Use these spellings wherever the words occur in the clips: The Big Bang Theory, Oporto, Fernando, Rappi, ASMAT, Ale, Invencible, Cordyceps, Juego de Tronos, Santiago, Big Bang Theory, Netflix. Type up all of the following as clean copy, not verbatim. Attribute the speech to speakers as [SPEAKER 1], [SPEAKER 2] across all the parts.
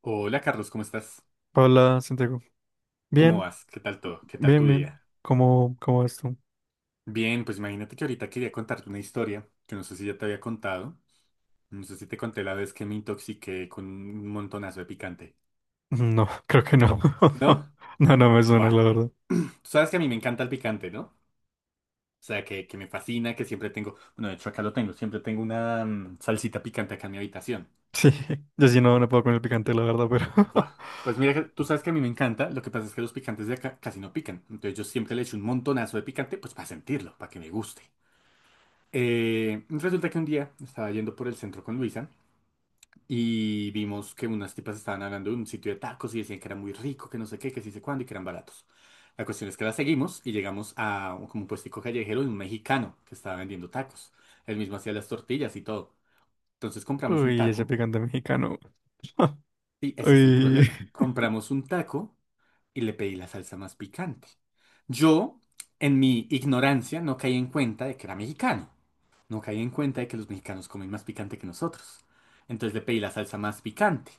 [SPEAKER 1] Hola Carlos, ¿cómo estás?
[SPEAKER 2] Hola, Santiago.
[SPEAKER 1] ¿Cómo
[SPEAKER 2] Bien,
[SPEAKER 1] vas? ¿Qué tal todo? ¿Qué tal tu
[SPEAKER 2] bien,
[SPEAKER 1] día?
[SPEAKER 2] bien. ¿Cómo vas tú?
[SPEAKER 1] Bien, pues imagínate que ahorita quería contarte una historia que no sé si ya te había contado. No sé si te conté la vez que me intoxiqué con un montonazo de picante.
[SPEAKER 2] No, creo que no.
[SPEAKER 1] ¿No?
[SPEAKER 2] No, no me suena,
[SPEAKER 1] Buah.
[SPEAKER 2] la verdad.
[SPEAKER 1] Tú sabes que a mí me encanta el picante, ¿no? O sea, que me fascina, que siempre tengo... Bueno, de hecho acá lo tengo. Siempre tengo una salsita picante acá en mi habitación.
[SPEAKER 2] Sí, yo sí no puedo con el picante, la verdad, pero...
[SPEAKER 1] Buah. Pues mira, que tú sabes que a mí me encanta. Lo que pasa es que los picantes de acá casi no pican. Entonces yo siempre le echo un montonazo de picante, pues para sentirlo, para que me guste. Resulta que un día estaba yendo por el centro con Luisa y vimos que unas tipas estaban hablando de un sitio de tacos y decían que era muy rico, que no sé qué, que sí sé cuándo y que eran baratos. La cuestión es que la seguimos y llegamos a como un puestico callejero de un mexicano que estaba vendiendo tacos. Él mismo hacía las tortillas y todo. Entonces compramos un
[SPEAKER 2] Uy, ese
[SPEAKER 1] taco
[SPEAKER 2] picante mexicano.
[SPEAKER 1] y ese es el
[SPEAKER 2] Uy,
[SPEAKER 1] problema. Compramos un taco y le pedí la salsa más picante. Yo, en mi ignorancia, no caí en cuenta de que era mexicano. No caí en cuenta de que los mexicanos comen más picante que nosotros. Entonces le pedí la salsa más picante.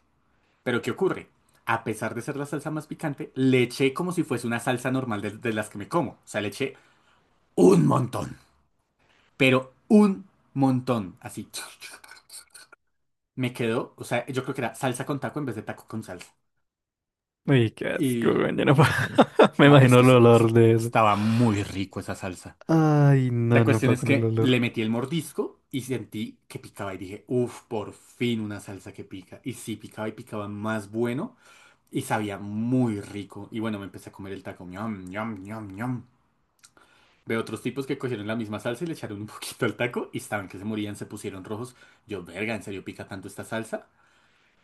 [SPEAKER 1] Pero ¿qué ocurre? A pesar de ser la salsa más picante, le eché como si fuese una salsa normal de las que me como. O sea, le eché un montón. Pero un montón. Así. Me quedó, o sea, yo creo que era salsa con taco en vez de taco con salsa.
[SPEAKER 2] uy, qué asco,
[SPEAKER 1] Y...
[SPEAKER 2] weón, yo no puedo. Me
[SPEAKER 1] No, pues
[SPEAKER 2] imagino
[SPEAKER 1] que
[SPEAKER 2] el olor de eso.
[SPEAKER 1] estaba muy rico esa salsa.
[SPEAKER 2] Ay, no,
[SPEAKER 1] La
[SPEAKER 2] no
[SPEAKER 1] cuestión
[SPEAKER 2] puedo
[SPEAKER 1] es
[SPEAKER 2] con el
[SPEAKER 1] que
[SPEAKER 2] olor.
[SPEAKER 1] le metí el mordisco y sentí que picaba y dije, uff, por fin una salsa que pica. Y sí, picaba y picaba más bueno y sabía muy rico. Y bueno, me empecé a comer el taco. Ñam, ñam, ñam, ñam. Veo otros tipos que cogieron la misma salsa y le echaron un poquito al taco y estaban que se morían, se pusieron rojos. Yo, verga, ¿en serio pica tanto esta salsa?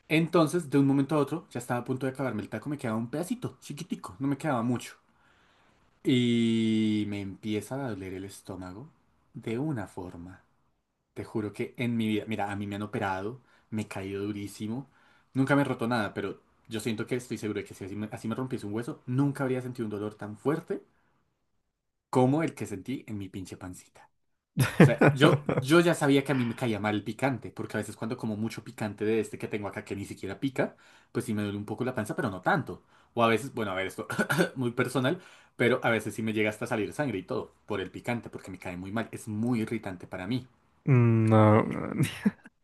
[SPEAKER 1] Entonces, de un momento a otro, ya estaba a punto de acabarme el taco, me quedaba un pedacito, chiquitico, no me quedaba mucho. Y me empieza a doler el estómago de una forma. Te juro que en mi vida, mira, a mí me han operado, me he caído durísimo, nunca me he roto nada, pero yo siento que estoy seguro de que si así me rompiese un hueso, nunca habría sentido un dolor tan fuerte como el que sentí en mi pinche pancita. O sea, yo ya sabía que a mí me caía mal el picante, porque a veces cuando como mucho picante de este que tengo acá que ni siquiera pica, pues sí me duele un poco la panza, pero no tanto. O a veces, bueno, a ver, esto muy personal, pero a veces sí me llega hasta salir sangre y todo por el picante, porque me cae muy mal, es muy irritante para mí.
[SPEAKER 2] No, weón,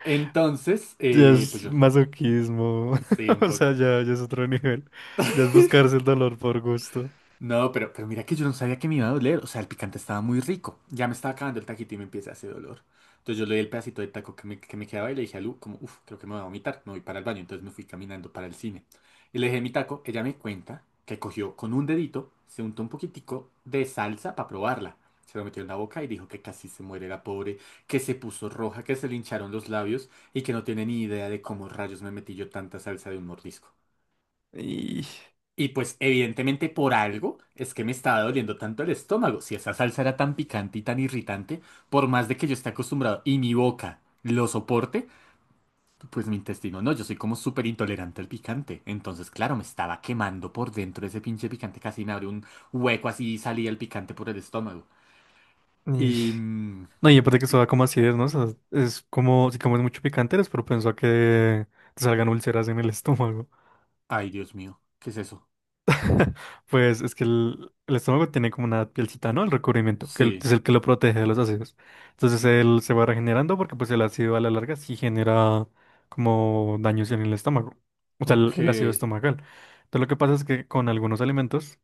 [SPEAKER 1] Entonces,
[SPEAKER 2] ya
[SPEAKER 1] pues
[SPEAKER 2] es
[SPEAKER 1] yo.
[SPEAKER 2] masoquismo.
[SPEAKER 1] Sí, un
[SPEAKER 2] O
[SPEAKER 1] poco.
[SPEAKER 2] sea, ya, ya es otro nivel. Ya es buscarse el dolor por gusto.
[SPEAKER 1] No, pero mira que yo no sabía que me iba a doler. O sea, el picante estaba muy rico. Ya me estaba acabando el taquito y me empieza a hacer dolor. Entonces yo le di el pedacito de taco que me quedaba y le dije a Lu, como, uff, creo que me voy a vomitar, me voy para el baño. Entonces me fui caminando para el cine. Y le dejé mi taco. Ella me cuenta que cogió con un dedito, se untó un poquitico de salsa para probarla. Se lo metió en la boca y dijo que casi se muere la pobre, que se puso roja, que se le hincharon los labios y que no tiene ni idea de cómo rayos me metí yo tanta salsa de un mordisco.
[SPEAKER 2] Y...
[SPEAKER 1] Y pues evidentemente por algo es que me estaba doliendo tanto el estómago. Si esa salsa era tan picante y tan irritante, por más de que yo esté acostumbrado y mi boca lo soporte, pues mi intestino no, yo soy como súper intolerante al picante. Entonces, claro, me estaba quemando por dentro ese pinche picante, casi me abrió un hueco así y salía el picante por el estómago.
[SPEAKER 2] Y-
[SPEAKER 1] Y... mm,
[SPEAKER 2] No, y aparte que eso da como acidez, ¿no? O sea, es como si comes mucho picante, eres propenso a que te salgan úlceras en el estómago.
[SPEAKER 1] Ay, Dios mío, ¿qué es eso?
[SPEAKER 2] Pues es que el estómago tiene como una pielcita, ¿no? El recubrimiento,
[SPEAKER 1] Sí,
[SPEAKER 2] es el que lo protege de los ácidos. Entonces él se va regenerando porque pues el ácido a la larga sí genera como daños en el estómago. O sea, el,
[SPEAKER 1] ok,
[SPEAKER 2] el ácido estomacal. Entonces lo que pasa es que con algunos alimentos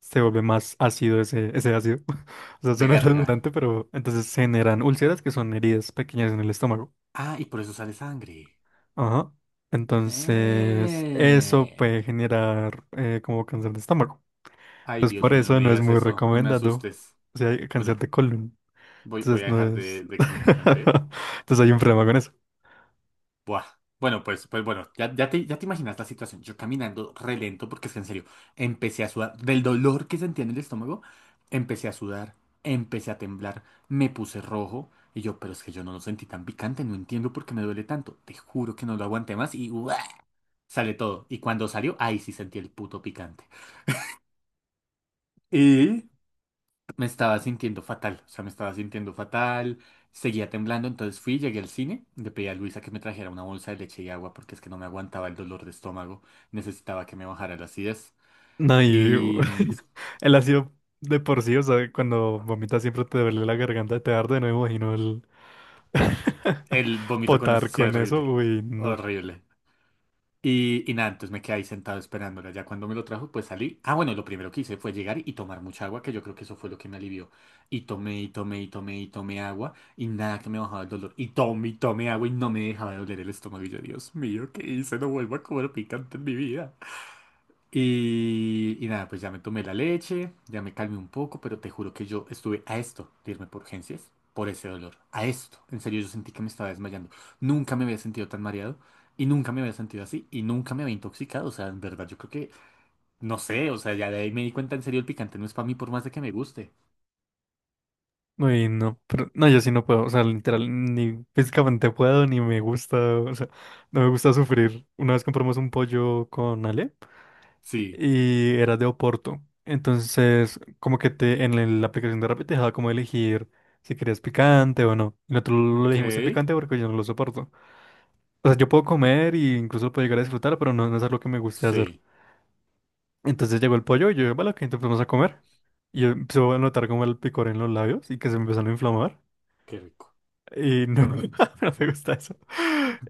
[SPEAKER 2] se vuelve más ácido ese ácido. O sea, suena
[SPEAKER 1] verga.
[SPEAKER 2] redundante, pero entonces se generan úlceras que son heridas pequeñas en el estómago.
[SPEAKER 1] Ah, y por eso sale sangre.
[SPEAKER 2] Ajá. Entonces, eso
[SPEAKER 1] Eh.
[SPEAKER 2] puede generar como cáncer de estómago.
[SPEAKER 1] Ay,
[SPEAKER 2] Entonces, por
[SPEAKER 1] Dios mío, no
[SPEAKER 2] eso
[SPEAKER 1] me
[SPEAKER 2] no es
[SPEAKER 1] digas
[SPEAKER 2] muy
[SPEAKER 1] eso, no me
[SPEAKER 2] recomendado.
[SPEAKER 1] asustes.
[SPEAKER 2] O sea, hay cáncer
[SPEAKER 1] Bueno,
[SPEAKER 2] de colon.
[SPEAKER 1] voy
[SPEAKER 2] Entonces,
[SPEAKER 1] a
[SPEAKER 2] no
[SPEAKER 1] dejar
[SPEAKER 2] es.
[SPEAKER 1] de comer picante, ¿eh?
[SPEAKER 2] Entonces, hay un problema con eso.
[SPEAKER 1] Buah. Bueno, pues bueno, ya te imaginas la situación. Yo caminando re lento, porque es que en serio, empecé a sudar. Del dolor que sentía en el estómago, empecé a sudar, empecé a temblar, me puse rojo. Y yo, pero es que yo no lo sentí tan picante, no entiendo por qué me duele tanto. Te juro que no lo aguanté más y ¡buah! Sale todo. Y cuando salió, ahí sí sentí el puto picante. Y me estaba sintiendo fatal, o sea, me estaba sintiendo fatal, seguía temblando, entonces fui, llegué al cine, le pedí a Luisa que me trajera una bolsa de leche y agua porque es que no me aguantaba el dolor de estómago, necesitaba que me bajara la acidez
[SPEAKER 2] No, y
[SPEAKER 1] y
[SPEAKER 2] el ácido de por sí, o sea, cuando vomitas siempre te duele la garganta, te arde, no me imagino el
[SPEAKER 1] el vómito con
[SPEAKER 2] potar
[SPEAKER 1] acidez sí,
[SPEAKER 2] con eso.
[SPEAKER 1] horrible,
[SPEAKER 2] Uy, no.
[SPEAKER 1] horrible. Y nada, entonces me quedé ahí sentado esperándola. Ya cuando me lo trajo, pues salí. Ah, bueno, lo primero que hice fue llegar y tomar mucha agua, que yo creo que eso fue lo que me alivió. Y tomé, y tomé, y tomé, y tomé agua, y nada que me bajaba el dolor. Y tomé agua, y no me dejaba de doler el estómago. Y yo, Dios mío, ¿qué hice? No vuelvo a comer picante en mi vida. Y nada, pues ya me tomé la leche, ya me calmé un poco, pero te juro que yo estuve a esto de irme por urgencias, por ese dolor, a esto. En serio, yo sentí que me estaba desmayando. Nunca me había sentido tan mareado y nunca me había sentido así y nunca me había intoxicado. O sea, en verdad, yo creo que, no sé, o sea, ya de ahí me di cuenta, en serio, el picante no es para mí por más de que me guste.
[SPEAKER 2] Uy, no, pero no, yo sí no puedo, o sea, literal, ni físicamente puedo, ni me gusta, o sea, no me gusta sufrir. Una vez compramos un pollo con Ale
[SPEAKER 1] Sí,
[SPEAKER 2] y era de Oporto, entonces como que la aplicación de Rappi te dejaba como elegir si querías picante o no. Y nosotros lo
[SPEAKER 1] ok,
[SPEAKER 2] elegimos sin picante porque yo no lo soporto. O sea, yo puedo comer y incluso lo puedo llegar a disfrutar, pero no, no es algo que me guste hacer.
[SPEAKER 1] sí,
[SPEAKER 2] Entonces llegó el pollo y yo, vale, ok, entonces vamos a comer. Y yo empecé a notar como el picor en los labios y que se me empezaron a inflamar.
[SPEAKER 1] qué rico.
[SPEAKER 2] Y no, no me gusta eso.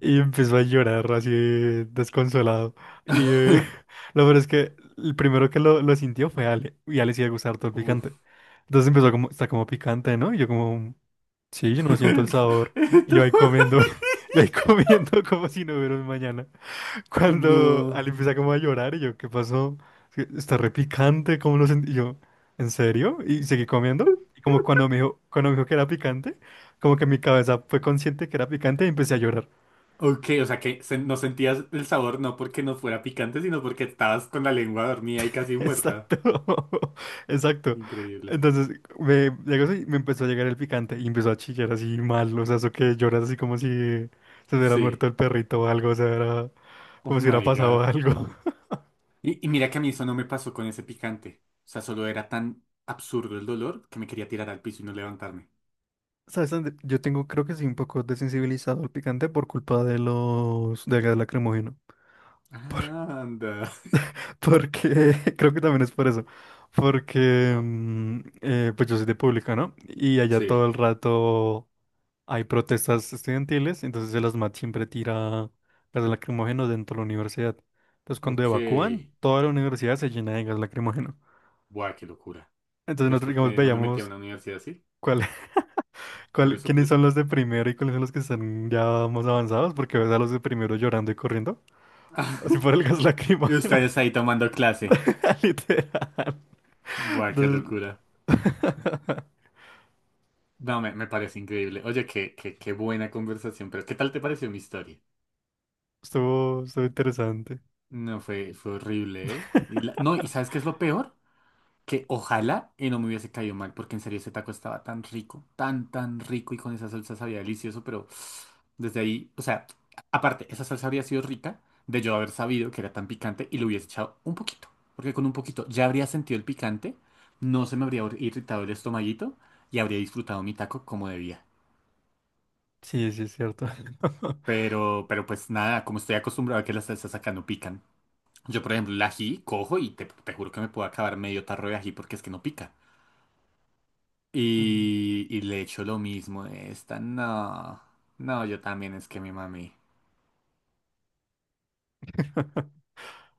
[SPEAKER 2] Y empezó a llorar así desconsolado. Y lo peor es que el primero que lo sintió fue Ale. Y a Ale sí le gusta harto el picante.
[SPEAKER 1] Uf.
[SPEAKER 2] Entonces empezó como, está como picante, ¿no? Y yo como, sí, yo no siento el sabor. Y yo
[SPEAKER 1] Esto-
[SPEAKER 2] ahí comiendo, yo ahí comiendo como si no hubiera un mañana. Cuando
[SPEAKER 1] No.
[SPEAKER 2] Ali empieza como a llorar y yo, ¿qué pasó? Es que está repicante, ¿cómo lo sentí? Y yo, ¿en serio? Y seguí comiendo. Y como cuando me dijo que era picante, como que mi cabeza fue consciente que era picante y empecé a llorar.
[SPEAKER 1] Ok, o sea que no sentías el sabor no porque no fuera picante, sino porque estabas con la lengua dormida y casi muerta.
[SPEAKER 2] Exacto, exacto.
[SPEAKER 1] Increíble.
[SPEAKER 2] Entonces llegó eso y me empezó a llegar el picante y empezó a chillar así mal, o sea, eso que lloras así como si se hubiera
[SPEAKER 1] Sí.
[SPEAKER 2] muerto el perrito o algo, o sea, era
[SPEAKER 1] Oh
[SPEAKER 2] como si hubiera
[SPEAKER 1] my
[SPEAKER 2] pasado
[SPEAKER 1] God.
[SPEAKER 2] algo.
[SPEAKER 1] Y mira que a mí eso no me pasó con ese picante. O sea, solo era tan absurdo el dolor que me quería tirar al piso y no levantarme.
[SPEAKER 2] ¿Sabes dónde? Yo tengo, creo que soy un poco desensibilizado al picante por culpa de del gas lacrimógeno. Por-
[SPEAKER 1] Ah, anda.
[SPEAKER 2] porque, creo que también es por eso. Porque, pues yo soy de pública, ¿no? Y allá todo
[SPEAKER 1] Sí.
[SPEAKER 2] el rato hay protestas estudiantiles, entonces el ASMAT siempre tira gas lacrimógeno dentro de la universidad. Entonces cuando
[SPEAKER 1] Ok.
[SPEAKER 2] evacúan, toda la universidad se llena de gas lacrimógeno.
[SPEAKER 1] Buah, qué locura.
[SPEAKER 2] Entonces
[SPEAKER 1] ¿Ves
[SPEAKER 2] nosotros,
[SPEAKER 1] por
[SPEAKER 2] digamos,
[SPEAKER 1] qué no me metí a
[SPEAKER 2] veíamos
[SPEAKER 1] una universidad así?
[SPEAKER 2] cuál
[SPEAKER 1] Por
[SPEAKER 2] ¿Cuál,
[SPEAKER 1] eso, por
[SPEAKER 2] quiénes
[SPEAKER 1] eso.
[SPEAKER 2] son los de primero y cuáles son los que están ya más avanzados? Porque ves a los de primero llorando y corriendo. Así por el gas
[SPEAKER 1] Y
[SPEAKER 2] lacrimógeno.
[SPEAKER 1] ustedes ahí tomando clase.
[SPEAKER 2] Literal.
[SPEAKER 1] Buah, qué
[SPEAKER 2] Entonces,
[SPEAKER 1] locura. No, me parece increíble. Oye, qué buena conversación, pero ¿qué tal te pareció mi historia?
[SPEAKER 2] estuvo, estuvo interesante.
[SPEAKER 1] No, fue horrible, ¿eh? No, ¿y sabes qué es lo peor? Que ojalá y no me hubiese caído mal, porque en serio ese taco estaba tan rico, tan, tan rico y con esa salsa sabía delicioso, pero desde ahí, o sea, aparte, esa salsa habría sido rica de yo haber sabido que era tan picante y le hubiese echado un poquito, porque con un poquito ya habría sentido el picante, no se me habría irritado el estomaguito y habría disfrutado mi taco como debía.
[SPEAKER 2] Sí, sí, es cierto.
[SPEAKER 1] Pero pues nada, como estoy acostumbrado a que las salsas acá no pican. Yo, por ejemplo, el ají cojo y te juro que me puedo acabar medio tarro de ají porque es que no pica.
[SPEAKER 2] Mm.
[SPEAKER 1] Y le echo lo mismo de esta. No, no, yo también es que mi mami.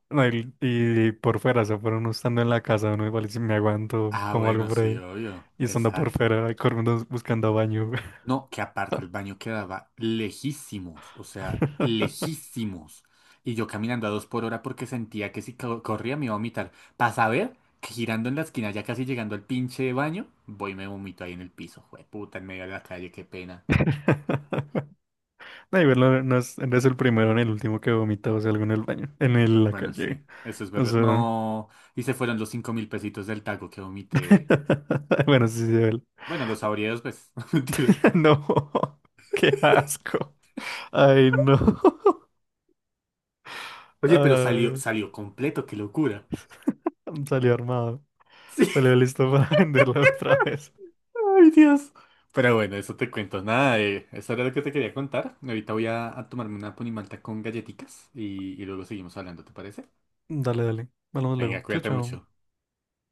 [SPEAKER 2] No, y por fuera, o sea, por uno estando en la casa, uno igual si me aguanto
[SPEAKER 1] Ah,
[SPEAKER 2] como algo
[SPEAKER 1] bueno,
[SPEAKER 2] por
[SPEAKER 1] sí,
[SPEAKER 2] ahí.
[SPEAKER 1] obvio.
[SPEAKER 2] Y estando por
[SPEAKER 1] Exacto.
[SPEAKER 2] fuera, corriendo buscando baño. Güey.
[SPEAKER 1] No, que aparte el baño quedaba lejísimos, o sea, lejísimos. Y yo caminando a dos por hora porque sentía que si corría me iba a vomitar. Para saber que girando en la esquina, ya casi llegando al pinche baño, voy y me vomito ahí en el piso. Puta, en medio de la calle, qué pena.
[SPEAKER 2] No, igual no, no es el primero ni el último que vomita, o sea, algo en el baño, la
[SPEAKER 1] Bueno, sí,
[SPEAKER 2] calle.
[SPEAKER 1] eso es
[SPEAKER 2] O
[SPEAKER 1] verdad.
[SPEAKER 2] sea,
[SPEAKER 1] No, y se fueron los 5.000 pesitos del taco que vomité.
[SPEAKER 2] bueno, sí, sí, él.
[SPEAKER 1] Bueno, los saboreos, pues, mentiras.
[SPEAKER 2] No, qué asco. Ay, no.
[SPEAKER 1] Oye, pero salió,
[SPEAKER 2] Ay,
[SPEAKER 1] salió completo, qué locura.
[SPEAKER 2] salió armado. Salió listo para venderlo otra vez.
[SPEAKER 1] Ay, Dios. Pero bueno, eso te cuento. Nada, eso era lo que te quería contar. Ahorita voy a tomarme una ponimalta con galletitas y luego seguimos hablando, ¿te parece?
[SPEAKER 2] Dale, dale. Hablamos luego.
[SPEAKER 1] Venga,
[SPEAKER 2] Chao,
[SPEAKER 1] cuídate
[SPEAKER 2] chao.
[SPEAKER 1] mucho.